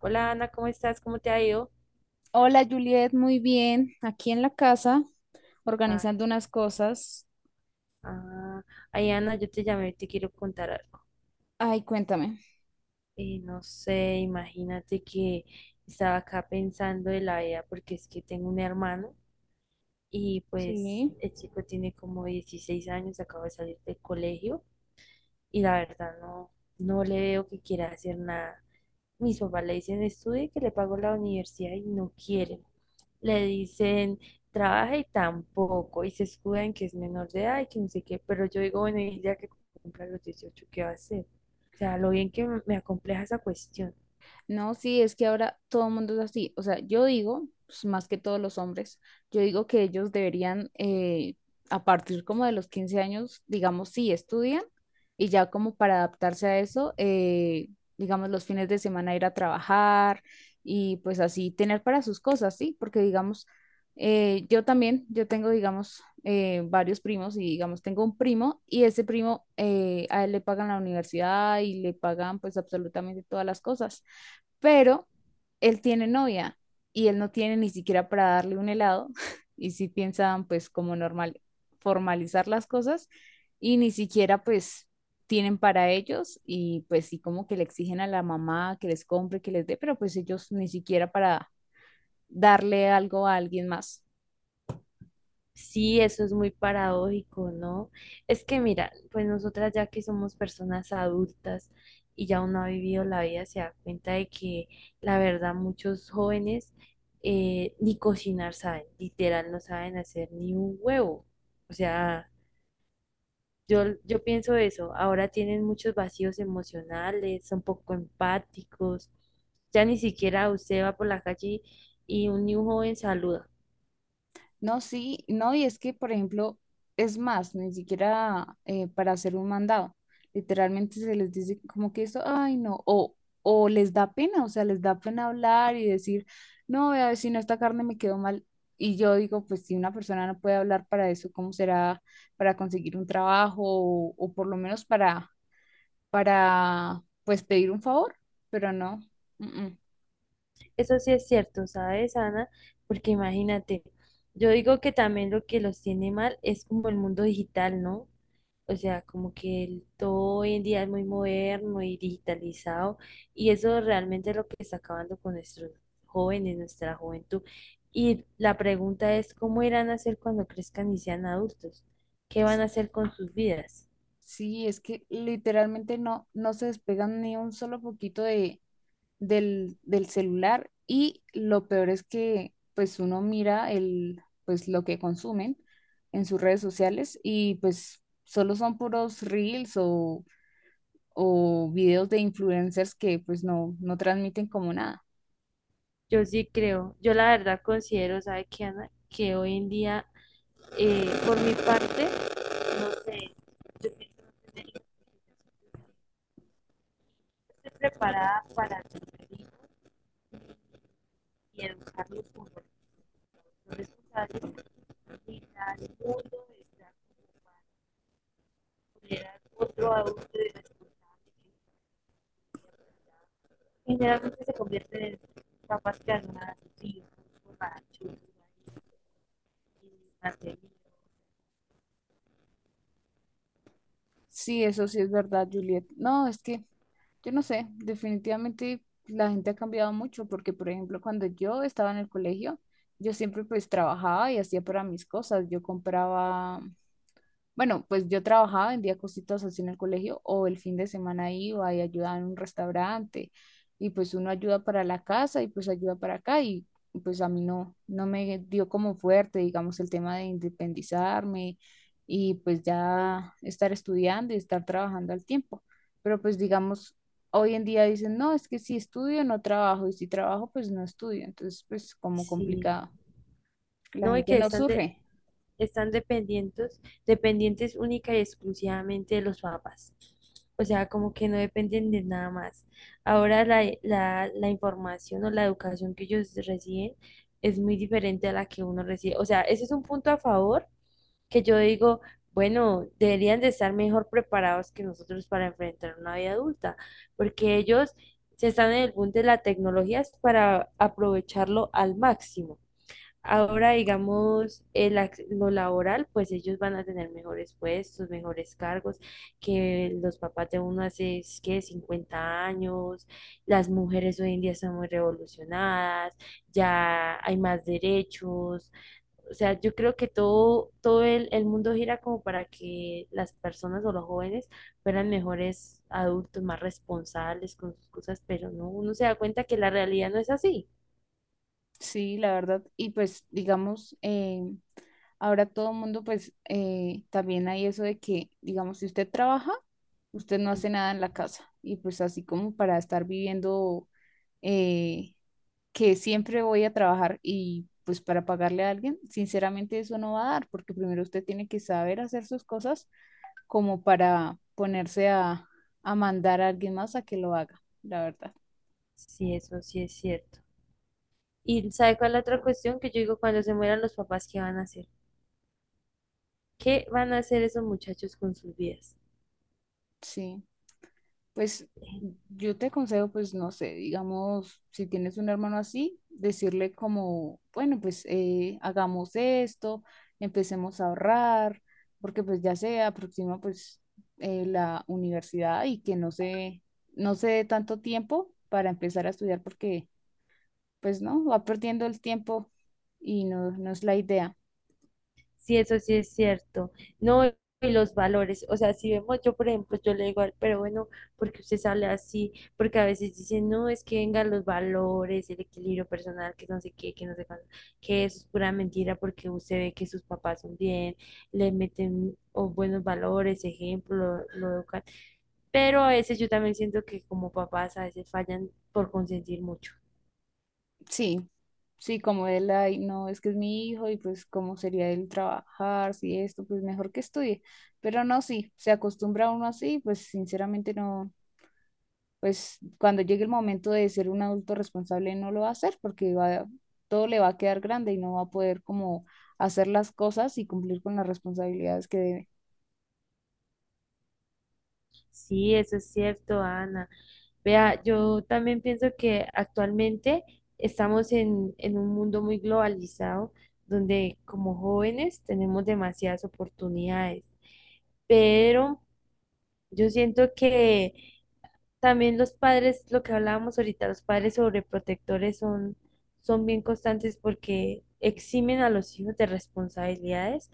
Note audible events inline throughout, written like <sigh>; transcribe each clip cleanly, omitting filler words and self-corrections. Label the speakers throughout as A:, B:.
A: Hola Ana, ¿cómo estás? ¿Cómo te ha ido?
B: Hola Juliet, muy bien. Aquí en la casa,
A: Ah,
B: organizando unas cosas.
A: ah, ay Ana, yo te llamé, te quiero contar algo.
B: Ay, cuéntame.
A: No sé, imagínate que estaba acá pensando de la vida porque es que tengo un hermano y pues
B: Sí.
A: el chico tiene como 16 años, acaba de salir del colegio y la verdad no, no le veo que quiera hacer nada. Mis papás le dicen estudie que le pago la universidad y no quiere. Le dicen, trabaja y tampoco, y se escuda en que es menor de edad y que no sé qué, pero yo digo, bueno, y ya que cumpla los 18, ¿qué va a hacer? O sea, lo bien que me acompleja esa cuestión.
B: No, sí, es que ahora todo el mundo es así. O sea, yo digo, pues, más que todos los hombres, yo digo que ellos deberían, a partir como de los 15 años, digamos, sí, estudian y ya como para adaptarse a eso, digamos, los fines de semana ir a trabajar y pues así tener para sus cosas, ¿sí? Porque digamos, yo también, yo tengo, digamos, varios primos y digamos, tengo un primo y ese primo, a él le pagan la universidad y le pagan pues absolutamente todas las cosas, pero él tiene novia y él no tiene ni siquiera para darle un helado <laughs> y sí piensan pues como normal formalizar las cosas y ni siquiera pues tienen para ellos y pues sí como que le exigen a la mamá que les compre, que les dé, pero pues ellos ni siquiera para darle algo a alguien más.
A: Sí, eso es muy paradójico, ¿no? Es que mira, pues nosotras ya que somos personas adultas y ya uno ha vivido la vida, se da cuenta de que la verdad muchos jóvenes ni cocinar saben, literal no saben hacer ni un huevo. O sea, yo pienso eso, ahora tienen muchos vacíos emocionales, son poco empáticos, ya ni siquiera usted va por la calle y ni un joven saluda.
B: No, sí, no, y es que, por ejemplo, es más, ni siquiera para hacer un mandado. Literalmente se les dice como que eso, ay, no, o les da pena, o sea, les da pena hablar y decir, no, vea, vecino, esta carne me quedó mal. Y yo digo, pues si una persona no puede hablar para eso, ¿cómo será para conseguir un trabajo o por lo menos para, pues pedir un favor? Pero no. Mm, mm.
A: Eso sí es cierto, ¿sabes, Ana? Porque imagínate, yo digo que también lo que los tiene mal es como el mundo digital, ¿no? O sea, como que todo hoy en día es muy moderno y digitalizado y eso realmente es lo que está acabando con nuestros jóvenes, nuestra juventud. Y la pregunta es, ¿cómo irán a hacer cuando crezcan y sean adultos? ¿Qué van a hacer con sus vidas?
B: Sí, es que literalmente no, no se despegan ni un solo poquito del celular y lo peor es que pues uno mira pues lo que consumen en sus redes sociales y pues solo son puros reels o videos de influencers que pues no, no transmiten como nada.
A: Yo sí creo, yo la verdad considero, ¿sabe qué, Ana? Que hoy en día, por mi parte, no sé, yo pienso no tener que estar preparada para tener hijos y educarlos como los responsables de la vida, el mundo, estar como para tener a otro adulto y responsable que generalmente se convierten en papás que ayudan a sus hijos, borrachos, y mantenidos.
B: Sí, eso sí es verdad, Juliet. No, es que yo no sé, definitivamente la gente ha cambiado mucho porque, por ejemplo, cuando yo estaba en el colegio, yo siempre pues trabajaba y hacía para mis cosas. Yo compraba Bueno, pues yo trabajaba, vendía cositas así en el colegio o el fin de semana iba y ayudaba en un restaurante y pues uno ayuda para la casa y pues ayuda para acá pues a mí no, no me dio como fuerte, digamos, el tema de independizarme y pues ya estar estudiando y estar trabajando al tiempo. Pero pues digamos, hoy en día dicen, no, es que si estudio no trabajo y si trabajo pues no estudio. Entonces pues como
A: Sí,
B: complicado, la
A: no, y
B: gente
A: que
B: no surge.
A: están dependientes, dependientes única y exclusivamente de los papás. O sea, como que no dependen de nada más. Ahora la información o la educación que ellos reciben es muy diferente a la que uno recibe. O sea, ese es un punto a favor que yo digo, bueno, deberían de estar mejor preparados que nosotros para enfrentar una vida adulta, porque ellos se están en el punto de la tecnología es para aprovecharlo al máximo. Ahora, digamos, lo laboral, pues ellos van a tener mejores puestos, mejores cargos, que los papás de uno hace, es que 50 años, las mujeres hoy en día están muy revolucionadas, ya hay más derechos, o sea, yo creo que todo el mundo gira como para que las personas o los jóvenes fueran mejores adultos, más responsables con sus cosas, pero no, uno se da cuenta que la realidad no es así.
B: Sí, la verdad. Y pues, digamos, ahora todo el mundo, pues, también hay eso de que, digamos, si usted trabaja, usted no
A: Sí,
B: hace nada en la casa. Y pues así como para estar viviendo, eh, que siempre voy a trabajar y pues para pagarle a alguien, sinceramente eso no va a dar, porque primero usted tiene que saber hacer sus cosas como para ponerse a mandar a alguien más a que lo haga, la verdad.
A: sí, eso sí es cierto. Y ¿sabe cuál es la otra cuestión? Que yo digo, cuando se mueran los papás, ¿qué van a hacer? ¿Qué van a hacer esos muchachos con sus vidas?
B: Sí. Pues yo te aconsejo, pues no sé, digamos, si tienes un hermano así, decirle como, bueno, pues hagamos esto, empecemos a ahorrar, porque pues ya se aproxima pues la universidad y que no se dé tanto tiempo para empezar a estudiar, porque pues no, va perdiendo el tiempo y no, no es la idea.
A: Sí, eso sí es cierto. No, y los valores. O sea, si vemos, yo por ejemplo, yo le digo, al, pero bueno, porque usted sale así, porque a veces dicen, no, es que vengan los valores, el equilibrio personal, que no sé qué, que no sé cuándo, que eso es pura mentira porque usted ve que sus papás son bien, le meten oh, buenos valores, ejemplo, lo educan. Pero a veces yo también siento que como papás a veces fallan por consentir mucho.
B: Sí, sí, como él, ay, no, es que es mi hijo y pues cómo sería él trabajar, si esto, pues mejor que estudie. Pero no, sí, se acostumbra uno así, pues sinceramente no, pues cuando llegue el momento de ser un adulto responsable no lo va a hacer porque va, todo le va a quedar grande y no va a poder como hacer las cosas y cumplir con las responsabilidades que debe.
A: Sí, eso es cierto, Ana. Vea, yo también pienso que actualmente estamos en un mundo muy globalizado donde como jóvenes tenemos demasiadas oportunidades, pero yo siento que también los padres, lo que hablábamos ahorita, los padres sobreprotectores son bien constantes porque eximen a los hijos de responsabilidades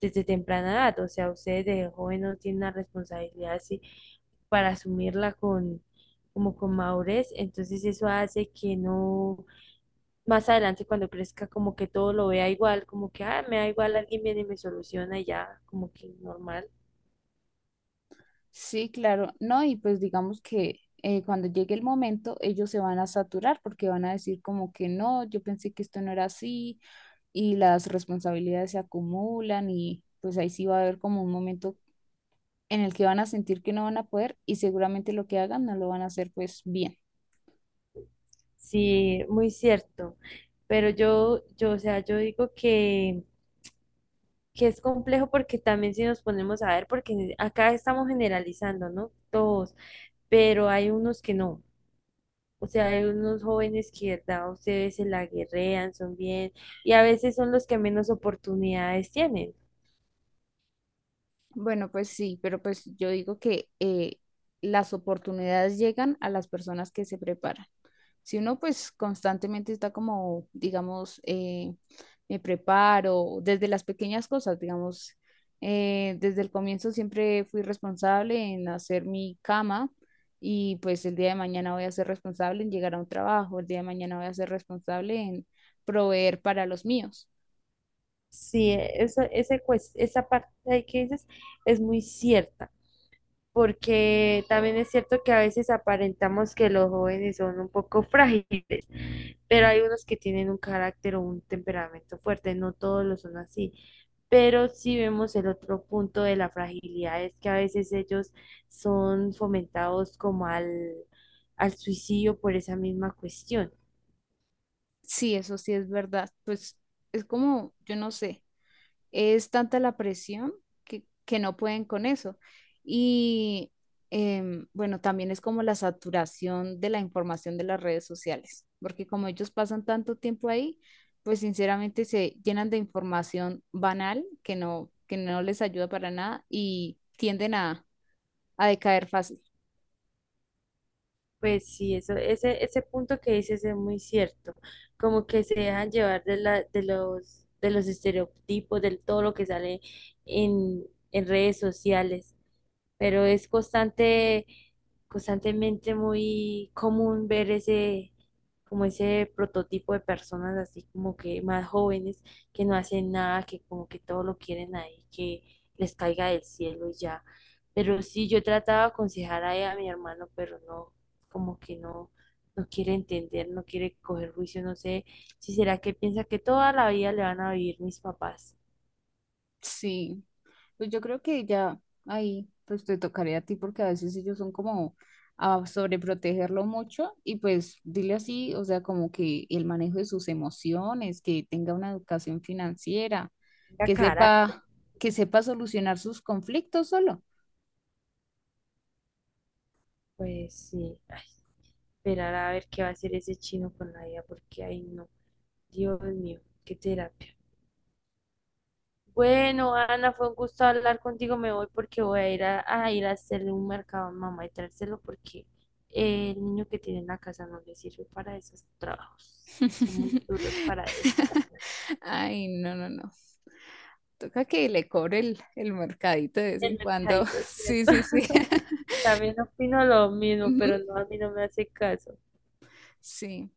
A: desde temprana edad. O sea, ustedes de joven no tienen la responsabilidad así para asumirla como con madurez. Entonces eso hace que no, más adelante cuando crezca, como que todo lo vea igual, como que, ah, me da igual, alguien viene y me soluciona y ya, como que normal.
B: Sí, claro, no, y pues digamos que cuando llegue el momento ellos se van a saturar porque van a decir como que no, yo pensé que esto no era así y las responsabilidades se acumulan y pues ahí sí va a haber como un momento en el que van a sentir que no van a poder y seguramente lo que hagan no lo van a hacer pues bien.
A: Sí, muy cierto. Pero o sea, yo digo que es complejo porque también si nos ponemos a ver, porque acá estamos generalizando, ¿no? Todos, pero hay unos que no. O sea, hay unos jóvenes que, ¿verdad? Ustedes se la guerrean, son bien, y a veces son los que menos oportunidades tienen.
B: Bueno, pues sí, pero pues yo digo que las oportunidades llegan a las personas que se preparan. Si uno pues constantemente está como, digamos, me preparo desde las pequeñas cosas, digamos, desde el comienzo siempre fui responsable en hacer mi cama y pues el día de mañana voy a ser responsable en llegar a un trabajo, el día de mañana voy a ser responsable en proveer para los míos.
A: Sí, esa parte ahí que dices es muy cierta, porque también es cierto que a veces aparentamos que los jóvenes son un poco frágiles pero hay unos que tienen un carácter o un temperamento fuerte, no todos lo son así. Pero si vemos el otro punto de la fragilidad es que a veces ellos son fomentados como al suicidio por esa misma cuestión.
B: Sí, eso sí es verdad. Pues es como, yo no sé. Es tanta la presión que no pueden con eso. Y bueno, también es como la saturación de la información de las redes sociales, porque como ellos pasan tanto tiempo ahí, pues sinceramente se llenan de información banal que no les ayuda para nada y tienden a decaer fácil.
A: Pues sí, ese punto que dices es muy cierto, como que se dejan llevar de los estereotipos, de todo lo que sale en, en redes sociales. Pero es constantemente muy común ver ese, como ese prototipo de personas así como que más jóvenes que no hacen nada, que como que todo lo quieren ahí, que les caiga del cielo y ya. Pero sí, yo trataba de aconsejar ahí a mi hermano, pero no, como que no, no quiere entender, no quiere coger juicio, no sé si será que piensa que toda la vida le van a vivir mis papás.
B: Sí. Pues yo creo que ya ahí pues te tocaría a ti porque a veces ellos son como a sobreprotegerlo mucho y pues dile así, o sea, como que el manejo de sus emociones, que tenga una educación financiera,
A: Tenga
B: que
A: carácter.
B: sepa, que sepa solucionar sus conflictos solo.
A: Pues sí, ay, esperar a ver qué va a hacer ese chino con la vida, porque ahí no, Dios mío, qué terapia. Bueno, Ana, fue un gusto hablar contigo. Me voy porque voy a, ir a hacerle un mercado a mamá y traérselo porque el niño que tiene en la casa no le sirve para esos trabajos. Son muy duros
B: <laughs>
A: para él.
B: Ay, no, no, no. Toca que le cobre el mercadito de vez en
A: El
B: cuando.
A: mercadito,
B: <laughs> Sí,
A: ¿cierto?
B: sí, sí.
A: <laughs>
B: <laughs>
A: También opino lo mismo, pero
B: Ujú.
A: no, a mí no me hace caso.
B: Sí,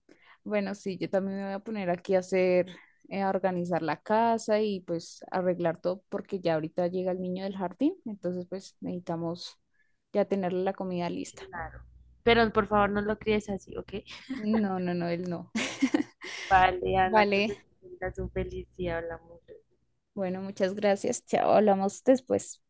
B: bueno, sí, yo también me voy a poner aquí a hacer, a organizar la casa y pues arreglar todo porque ya ahorita llega el niño del jardín, entonces pues necesitamos ya tener la comida lista.
A: Claro. Pero por favor no lo críes así, ¿ok?
B: No, no, no, él no.
A: Vale,
B: <laughs>
A: Ana,
B: Vale,
A: entonces, que tengas un feliz día. Hablamos.
B: bueno, muchas gracias. Chao, hablamos después.